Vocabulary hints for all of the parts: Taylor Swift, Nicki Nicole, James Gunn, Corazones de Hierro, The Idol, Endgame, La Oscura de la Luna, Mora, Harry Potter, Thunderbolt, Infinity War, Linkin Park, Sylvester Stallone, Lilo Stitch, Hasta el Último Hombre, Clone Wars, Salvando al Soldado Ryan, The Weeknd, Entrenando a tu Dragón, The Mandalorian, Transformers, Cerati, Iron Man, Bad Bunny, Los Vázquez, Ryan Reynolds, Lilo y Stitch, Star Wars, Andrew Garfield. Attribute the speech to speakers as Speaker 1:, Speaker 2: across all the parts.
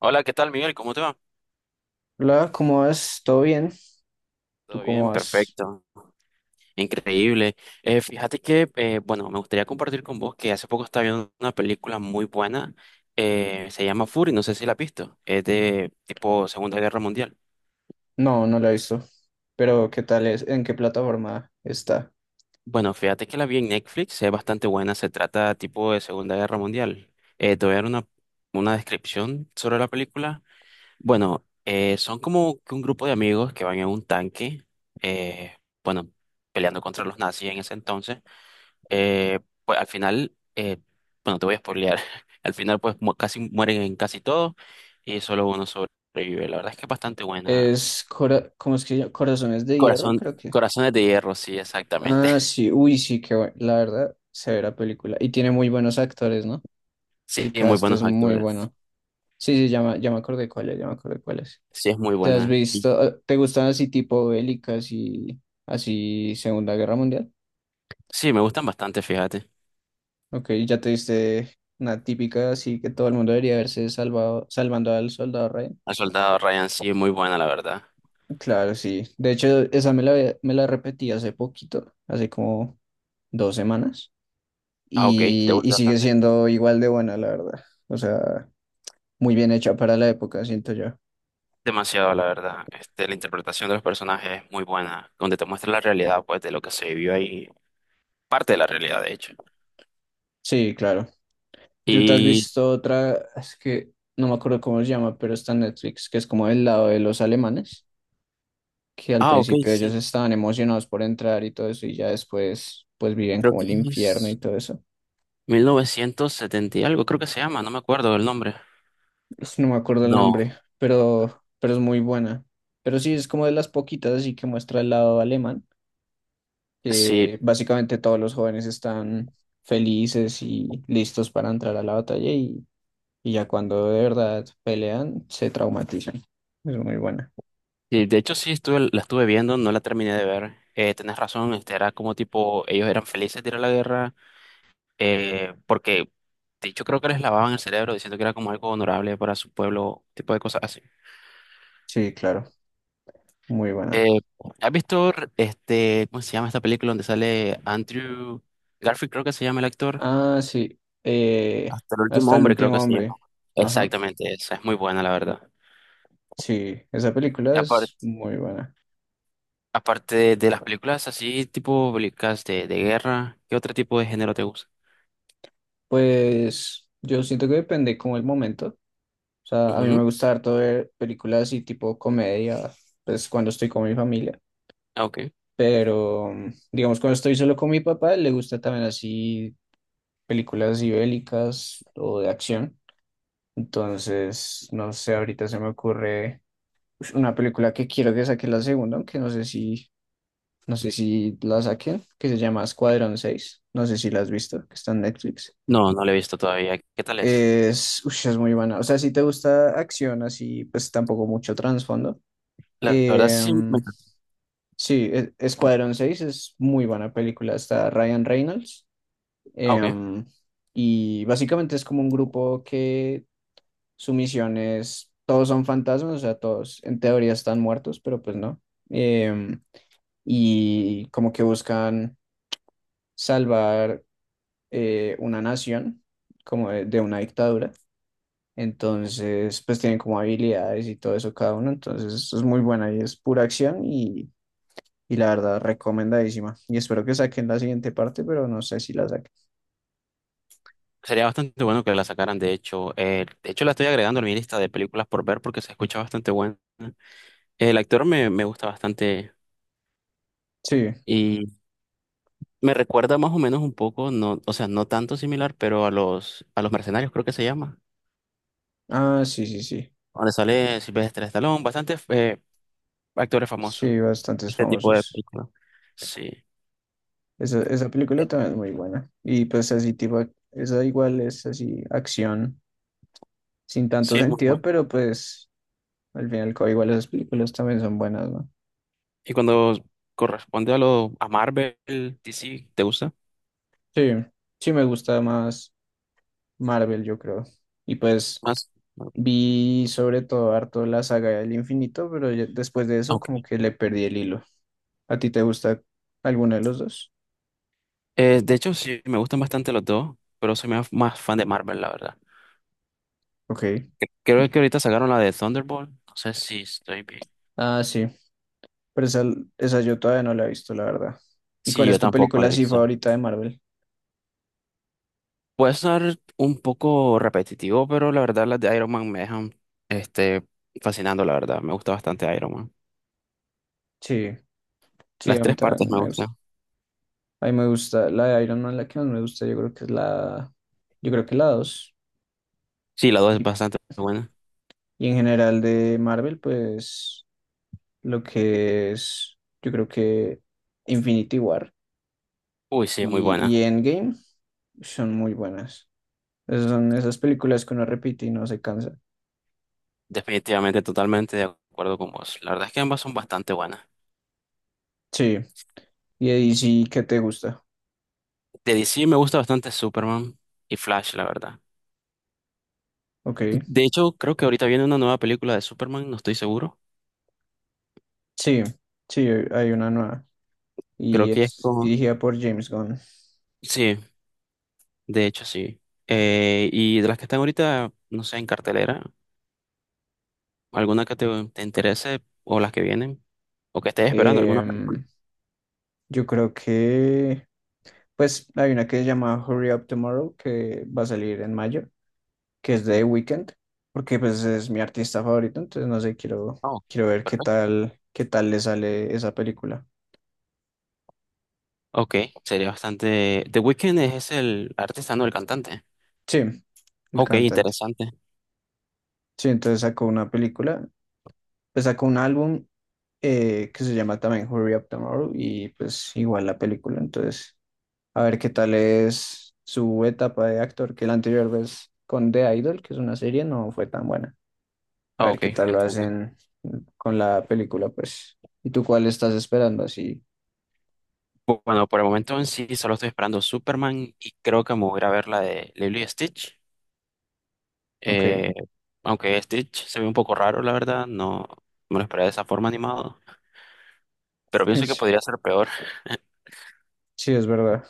Speaker 1: Hola, ¿qué tal, Miguel? ¿Cómo te va?
Speaker 2: Hola, ¿cómo vas? ¿Todo bien? ¿Tú
Speaker 1: Todo
Speaker 2: cómo
Speaker 1: bien,
Speaker 2: vas?
Speaker 1: perfecto. Increíble. Fíjate que, me gustaría compartir con vos que hace poco estaba viendo una película muy buena. Se llama Fury, no sé si la has visto. Es de tipo Segunda Guerra Mundial.
Speaker 2: No, no la he visto. Pero ¿qué tal es? ¿En qué plataforma está?
Speaker 1: Bueno, fíjate que la vi en Netflix, es bastante buena. Se trata tipo de Segunda Guerra Mundial. Te voy a dar una descripción sobre la película. Bueno, son como que un grupo de amigos que van en un tanque, eh, bueno, peleando contra los nazis en ese entonces. Pues al final, bueno, te voy a spoilear. Al final, casi mueren en casi todos y solo uno sobrevive. La verdad es que es bastante buena.
Speaker 2: Es Cora- ¿cómo es que se llama? Corazones de Hierro,
Speaker 1: Corazón,
Speaker 2: creo que.
Speaker 1: Corazones de Hierro, sí, exactamente.
Speaker 2: Ah, sí, uy, sí, qué bueno. La verdad, severa película. Y tiene muy buenos actores, ¿no?
Speaker 1: Sí,
Speaker 2: El
Speaker 1: muy
Speaker 2: cast
Speaker 1: buenos
Speaker 2: es muy
Speaker 1: actores.
Speaker 2: bueno. Sí, sí, ya me acordé cuál es, ya me acordé cuál es.
Speaker 1: Sí, es muy
Speaker 2: ¿Te has
Speaker 1: buena. Y
Speaker 2: visto? ¿Te gustan así tipo bélicas y así Segunda Guerra Mundial?
Speaker 1: sí, me gustan bastante, fíjate.
Speaker 2: Ok, ya te diste una típica, así que todo el mundo debería haberse salvado, salvando al soldado Ryan.
Speaker 1: El soldado Ryan, sí, es muy buena, la verdad.
Speaker 2: Claro, sí. De hecho, esa me la, había- me la repetí hace poquito, hace como dos semanas,
Speaker 1: Ah, ok, te
Speaker 2: y,
Speaker 1: gusta
Speaker 2: sigue
Speaker 1: bastante.
Speaker 2: siendo igual de buena, la verdad. O sea, muy bien hecha para la época, siento yo.
Speaker 1: Demasiado, la verdad. Este, la interpretación de los personajes es muy buena, donde te muestra la realidad, pues, de lo que se vivió ahí. Parte de la realidad, de hecho.
Speaker 2: Sí, claro. ¿Y tú te has
Speaker 1: Y.
Speaker 2: visto otra? Es que no me acuerdo cómo se llama, pero está en Netflix, que es como del lado de los alemanes, que al
Speaker 1: Ah, ok,
Speaker 2: principio
Speaker 1: sí.
Speaker 2: ellos estaban emocionados por entrar y todo eso, y ya después pues viven
Speaker 1: Creo
Speaker 2: como
Speaker 1: que
Speaker 2: el infierno y
Speaker 1: es
Speaker 2: todo eso.
Speaker 1: 1970 y algo, creo que se llama, no me acuerdo el nombre.
Speaker 2: Uf, no me acuerdo el
Speaker 1: No,
Speaker 2: nombre, pero es muy buena. Pero sí, es como de las poquitas así que muestra el lado alemán,
Speaker 1: sí,
Speaker 2: que básicamente todos los jóvenes están felices y listos para entrar a la batalla y, ya cuando de verdad pelean, se traumatizan. Es muy buena.
Speaker 1: sí, de hecho sí estuve, la estuve viendo, no la terminé de ver. Tenés razón, este era como tipo, ellos eran felices de ir a la guerra, porque de hecho creo que les lavaban el cerebro diciendo que era como algo honorable para su pueblo, tipo de cosas así.
Speaker 2: Sí, claro, muy buena.
Speaker 1: Eh, ¿Has visto este, cómo se llama esta película donde sale Andrew Garfield, creo que se llama el actor?
Speaker 2: Ah, sí, eh,
Speaker 1: Hasta el
Speaker 2: hasta
Speaker 1: último
Speaker 2: el
Speaker 1: hombre, creo que
Speaker 2: último
Speaker 1: se llama.
Speaker 2: hombre. Ajá.
Speaker 1: Exactamente, esa es muy buena, la verdad.
Speaker 2: Sí, esa película es muy buena.
Speaker 1: Aparte de las películas así, tipo películas de guerra, ¿qué otro tipo de género te gusta?
Speaker 2: Pues yo siento que depende como el momento. O sea, a mí me
Speaker 1: Ujú.
Speaker 2: gusta harto ver películas así tipo comedia, pues cuando estoy con mi familia.
Speaker 1: Ah, ok.
Speaker 2: Pero digamos cuando estoy solo con mi papá, le gusta también así películas así bélicas o de acción. Entonces, no sé, ahorita se me ocurre ush, una película que quiero que saque la segunda, aunque no sé si la saquen, que se llama Escuadrón seis. No sé si la has visto, que está en Netflix.
Speaker 1: No, no la he visto todavía. ¿Qué tal es?
Speaker 2: Es, ush, es muy buena. O sea, si te gusta acción así, pues tampoco mucho trasfondo.
Speaker 1: La verdad sí me
Speaker 2: Em,
Speaker 1: encanta.
Speaker 2: sí, e- Escuadrón seis es muy buena película. Está Ryan Reynolds.
Speaker 1: Ah, ok.
Speaker 2: Em, y básicamente es como un grupo que su misión es, todos son fantasmas, o sea, todos en teoría están muertos, pero pues no. Em, y como que buscan salvar una nación, como de una dictadura. Entonces, pues tienen como habilidades y todo eso cada uno. Entonces, es muy buena y es pura acción y, la verdad, recomendadísima. Y espero que saquen la siguiente parte, pero no sé si la saquen.
Speaker 1: Sería bastante bueno que la sacaran, de hecho. De hecho, la estoy agregando a mi lista de películas por ver porque se escucha bastante bueno. El actor me gusta bastante
Speaker 2: Sí,
Speaker 1: y me recuerda más o menos un poco, no, o sea, no tanto similar, pero a a los mercenarios creo que se llama.
Speaker 2: ah, sí, sí, sí.
Speaker 1: Donde sale Sylvester Stallone, bastante actores
Speaker 2: Sí,
Speaker 1: famosos.
Speaker 2: bastantes
Speaker 1: Este tipo de
Speaker 2: famosos.
Speaker 1: películas. Sí.
Speaker 2: Esa película también es muy buena. Y pues así tipo, ac- esa igual es así, acción sin tanto
Speaker 1: Sí, es muy
Speaker 2: sentido,
Speaker 1: bueno.
Speaker 2: pero pues al final y al cabo igual esas películas también son buenas, ¿no?
Speaker 1: Y cuando corresponde a lo a Marvel, DC, ¿te gusta
Speaker 2: Sí, sí me gusta más Marvel, yo creo. Y pues...
Speaker 1: más?
Speaker 2: Vi sobre todo harto la saga del infinito, pero ya- después de
Speaker 1: Ah,
Speaker 2: eso
Speaker 1: ok.
Speaker 2: como que le perdí el hilo. ¿A ti te gusta alguno de los dos?
Speaker 1: De hecho, sí, me gustan bastante los dos, pero soy más, más fan de Marvel, la verdad.
Speaker 2: Ok.
Speaker 1: Que- Creo que ahorita sacaron la de Thunderbolt. No sé si estoy bien.
Speaker 2: Ah, sí. Pero esa yo todavía no la he visto, la verdad. ¿Y
Speaker 1: Sí,
Speaker 2: cuál es
Speaker 1: yo
Speaker 2: tu
Speaker 1: tampoco
Speaker 2: película
Speaker 1: la he
Speaker 2: así
Speaker 1: visto.
Speaker 2: favorita de Marvel?
Speaker 1: Puede ser un poco repetitivo, pero la verdad las de Iron Man me dejan este, fascinando, la verdad. Me gusta bastante Iron Man.
Speaker 2: Sí, sí,
Speaker 1: Las
Speaker 2: a mí
Speaker 1: tres partes
Speaker 2: también
Speaker 1: me
Speaker 2: me
Speaker 1: gustan.
Speaker 2: gusta. A mí me gusta la de Iron Man, la que más me gusta, yo creo que es la, yo creo que la dos.
Speaker 1: Sí, la dos es
Speaker 2: Y,
Speaker 1: bastante buena.
Speaker 2: en general de Marvel, pues lo que es, yo creo que Infinity War
Speaker 1: Uy, sí, muy
Speaker 2: y,
Speaker 1: buena.
Speaker 2: Endgame son muy buenas. Esas son esas películas que uno repite y no se cansa.
Speaker 1: Definitivamente, totalmente de acuerdo con vos. La verdad es que ambas son bastante buenas.
Speaker 2: Sí. Y ahí sí que te gusta.
Speaker 1: De DC me gusta bastante Superman y Flash, la verdad.
Speaker 2: Ok.
Speaker 1: De hecho, creo que ahorita viene una nueva película de Superman, no estoy seguro.
Speaker 2: Sí. Sí, hay una nueva.
Speaker 1: Creo
Speaker 2: Y
Speaker 1: que es
Speaker 2: es
Speaker 1: como...
Speaker 2: dirigida por James Gunn.
Speaker 1: Sí, de hecho sí. Y de las que están ahorita, no sé, en cartelera, alguna que te interese o las que vienen, o que estés esperando alguna película.
Speaker 2: Em, yo creo que. Pues hay una que se llama Hurry Up Tomorrow, que va a salir en mayo, que es de The
Speaker 1: Ok.
Speaker 2: Weeknd, porque pues es mi artista favorito, entonces no sé, quiero,
Speaker 1: Ah, ok,
Speaker 2: quiero ver
Speaker 1: perfecto.
Speaker 2: qué tal le sale esa película.
Speaker 1: Ok, sería bastante... The Weeknd es el artesano, el cantante.
Speaker 2: Sí, el
Speaker 1: Ok,
Speaker 2: cantante.
Speaker 1: interesante.
Speaker 2: Sí, entonces sacó una película, pues sacó un álbum que se llama también Hurry Up Tomorrow y pues igual la película. Entonces, a ver qué tal es su etapa de actor, que la anterior vez con The Idol, que es una serie, no fue tan buena. A
Speaker 1: Ah,
Speaker 2: ver
Speaker 1: ok,
Speaker 2: qué tal lo
Speaker 1: entiendo.
Speaker 2: hacen con la película, pues. ¿Y tú cuál estás esperando? Así,
Speaker 1: Bueno, por el momento en sí solo estoy esperando Superman y creo que me voy a ir a ver la de Lilo y Stitch.
Speaker 2: ok.
Speaker 1: Eh, Aunque Stitch se ve un poco raro, la verdad, no me lo esperaba de esa forma animado, pero pienso que
Speaker 2: Es-
Speaker 1: podría ser peor.
Speaker 2: sí, es verdad.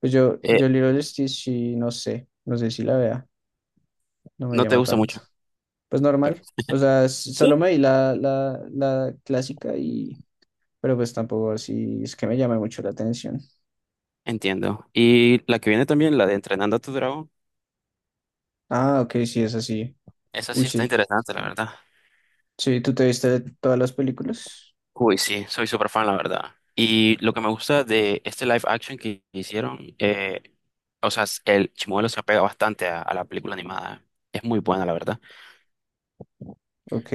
Speaker 2: Pues yo,
Speaker 1: Eh,
Speaker 2: yo Lilo Stitch sí, no sé si la vea, no me
Speaker 1: no te
Speaker 2: llama
Speaker 1: gusta
Speaker 2: tanto.
Speaker 1: mucho,
Speaker 2: Pues
Speaker 1: pero
Speaker 2: normal. O sea, s-
Speaker 1: sí,
Speaker 2: solo me vi la, la clásica y pero pues tampoco así es que me llame mucho la atención.
Speaker 1: entiendo. Y la que viene también, la de Entrenando a tu Dragón,
Speaker 2: Ah, ok, sí, es así.
Speaker 1: esa
Speaker 2: Uy,
Speaker 1: sí está
Speaker 2: sí.
Speaker 1: interesante, la verdad.
Speaker 2: Sí, ¿tú te viste todas las películas?
Speaker 1: Uy, sí, soy súper fan, la verdad. Y lo que me gusta de este live action que hicieron, o sea, el Chimuelo se apega bastante a la película animada. Es muy buena, la verdad.
Speaker 2: Ok,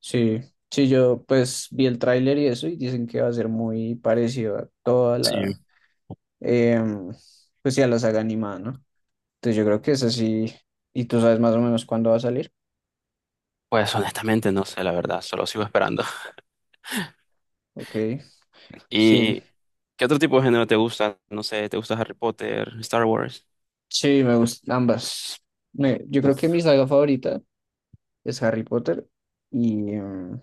Speaker 2: sí. Sí, yo pues vi el tráiler y eso y dicen que va a ser muy parecido a toda la,
Speaker 1: Sí.
Speaker 2: em, pues sí, a la saga animada, ¿no? Entonces yo creo que es así. ¿Y tú sabes más o menos cuándo va a salir?
Speaker 1: Pues honestamente no sé, la verdad, solo sigo esperando.
Speaker 2: Ok, sí,
Speaker 1: ¿Y qué otro tipo de género te gusta? No sé, ¿te gusta Harry Potter, Star Wars?
Speaker 2: sí, me gustan ambas. Me- yo creo que mi
Speaker 1: Uf,
Speaker 2: saga favorita es Harry Potter y,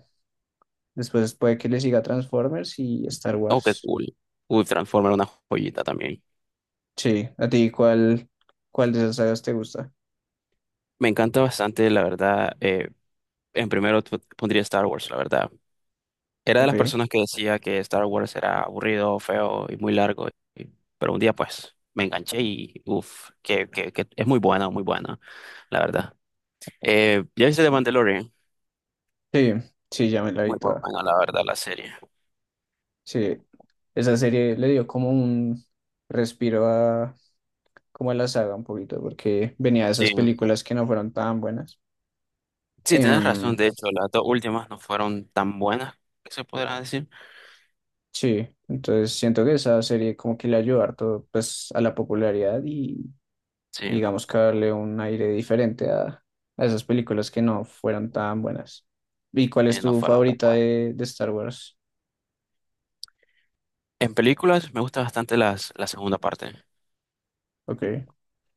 Speaker 2: después puede que le siga Transformers y Star
Speaker 1: oh, qué
Speaker 2: Wars.
Speaker 1: cool. Uf, Transformer, una joyita también.
Speaker 2: Sí, ¿a ti cuál, cuál de esas sagas te gusta?
Speaker 1: Me encanta bastante, la verdad. Pondría Star Wars, la verdad. Era de las
Speaker 2: Ok,
Speaker 1: personas que decía que Star Wars era aburrido, feo y muy largo, y- pero un día pues me enganché y uff, que es muy buena, la verdad. ¿Ya viste The
Speaker 2: sí.
Speaker 1: Mandalorian?
Speaker 2: Sí, sí, ya me la vi
Speaker 1: Muy
Speaker 2: toda.
Speaker 1: buena, la verdad, la serie.
Speaker 2: Sí, esa serie le dio como un respiro a, como a la saga un poquito, porque venía de
Speaker 1: Sí.
Speaker 2: esas películas que no fueron tan buenas.
Speaker 1: Sí, tienes
Speaker 2: Em,
Speaker 1: razón. De hecho, las dos últimas no fueron tan buenas, que se podrá decir.
Speaker 2: sí, entonces siento que esa serie como que le ayudó harto pues a la popularidad y
Speaker 1: Sí,
Speaker 2: digamos que darle un aire diferente a esas películas que no fueran tan buenas. ¿Y cuál es
Speaker 1: no
Speaker 2: tu
Speaker 1: fueron. Tan-
Speaker 2: favorita de Star Wars?
Speaker 1: En películas me gusta bastante la segunda parte.
Speaker 2: Ok.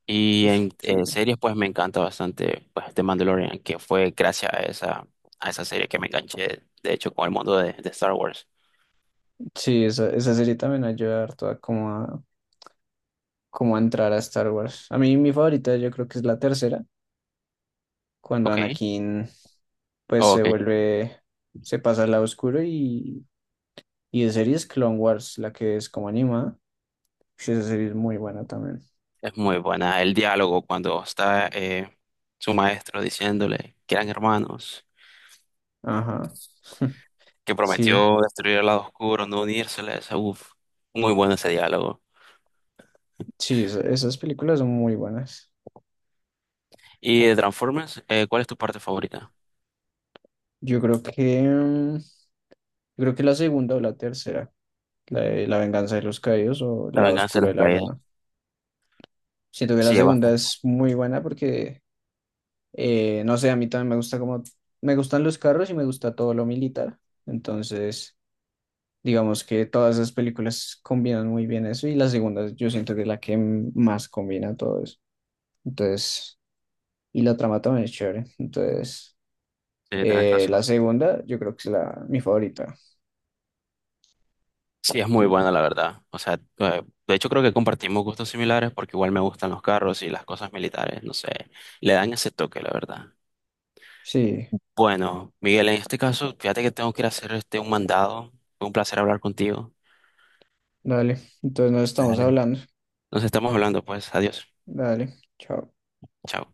Speaker 1: Y
Speaker 2: Ush,
Speaker 1: en
Speaker 2: chévere.
Speaker 1: series, pues me encanta bastante pues, The Mandalorian, que fue gracias a a esa serie que me enganché, de hecho, con el mundo de Star Wars.
Speaker 2: Sí, esa serie también ayuda harto a como a, como a entrar a Star Wars. A mí mi favorita yo creo que es la tercera, cuando
Speaker 1: Ok,
Speaker 2: Anakin pues
Speaker 1: oh,
Speaker 2: se
Speaker 1: ok.
Speaker 2: vuelve, se pasa al lado oscuro y de series Clone Wars, la que es como animada. Ush, esa serie es muy buena también.
Speaker 1: Es muy buena. El diálogo cuando está su maestro diciéndole que eran hermanos,
Speaker 2: Ajá.
Speaker 1: que
Speaker 2: Sí,
Speaker 1: prometió destruir el lado oscuro, no unírseles. Uf, muy bueno ese diálogo.
Speaker 2: sí, esa- esas películas son muy buenas.
Speaker 1: Y de Transformers, ¿cuál es tu parte favorita?
Speaker 2: Yo creo que, mm, yo creo que la segunda o la tercera, la de La venganza de los caídos o
Speaker 1: La
Speaker 2: La
Speaker 1: venganza de
Speaker 2: oscura de
Speaker 1: las
Speaker 2: la luna.
Speaker 1: caídas.
Speaker 2: Siento que la
Speaker 1: Sí, es
Speaker 2: segunda
Speaker 1: bastante-
Speaker 2: es muy buena porque, no sé, a mí también me gusta como, me gustan los carros y me gusta todo lo militar. Entonces, digamos que todas esas películas combinan muy bien eso y la segunda yo siento que es la que m- más combina todo eso. Entonces, y la trama también es chévere. Entonces...
Speaker 1: sí, tenés
Speaker 2: La
Speaker 1: razón.
Speaker 2: segunda, yo creo que es la, mi favorita.
Speaker 1: Sí, es muy buena, la verdad. O sea, de hecho creo que compartimos gustos similares porque igual me gustan los carros y las cosas militares, no sé, le dan ese toque, la verdad.
Speaker 2: Sí,
Speaker 1: Bueno, Miguel, en este caso, fíjate que tengo que ir a hacer este un mandado. Fue un placer hablar contigo.
Speaker 2: dale. Entonces nos estamos
Speaker 1: Dale.
Speaker 2: hablando.
Speaker 1: Nos estamos hablando, pues. Adiós.
Speaker 2: Dale, chao.
Speaker 1: Chao.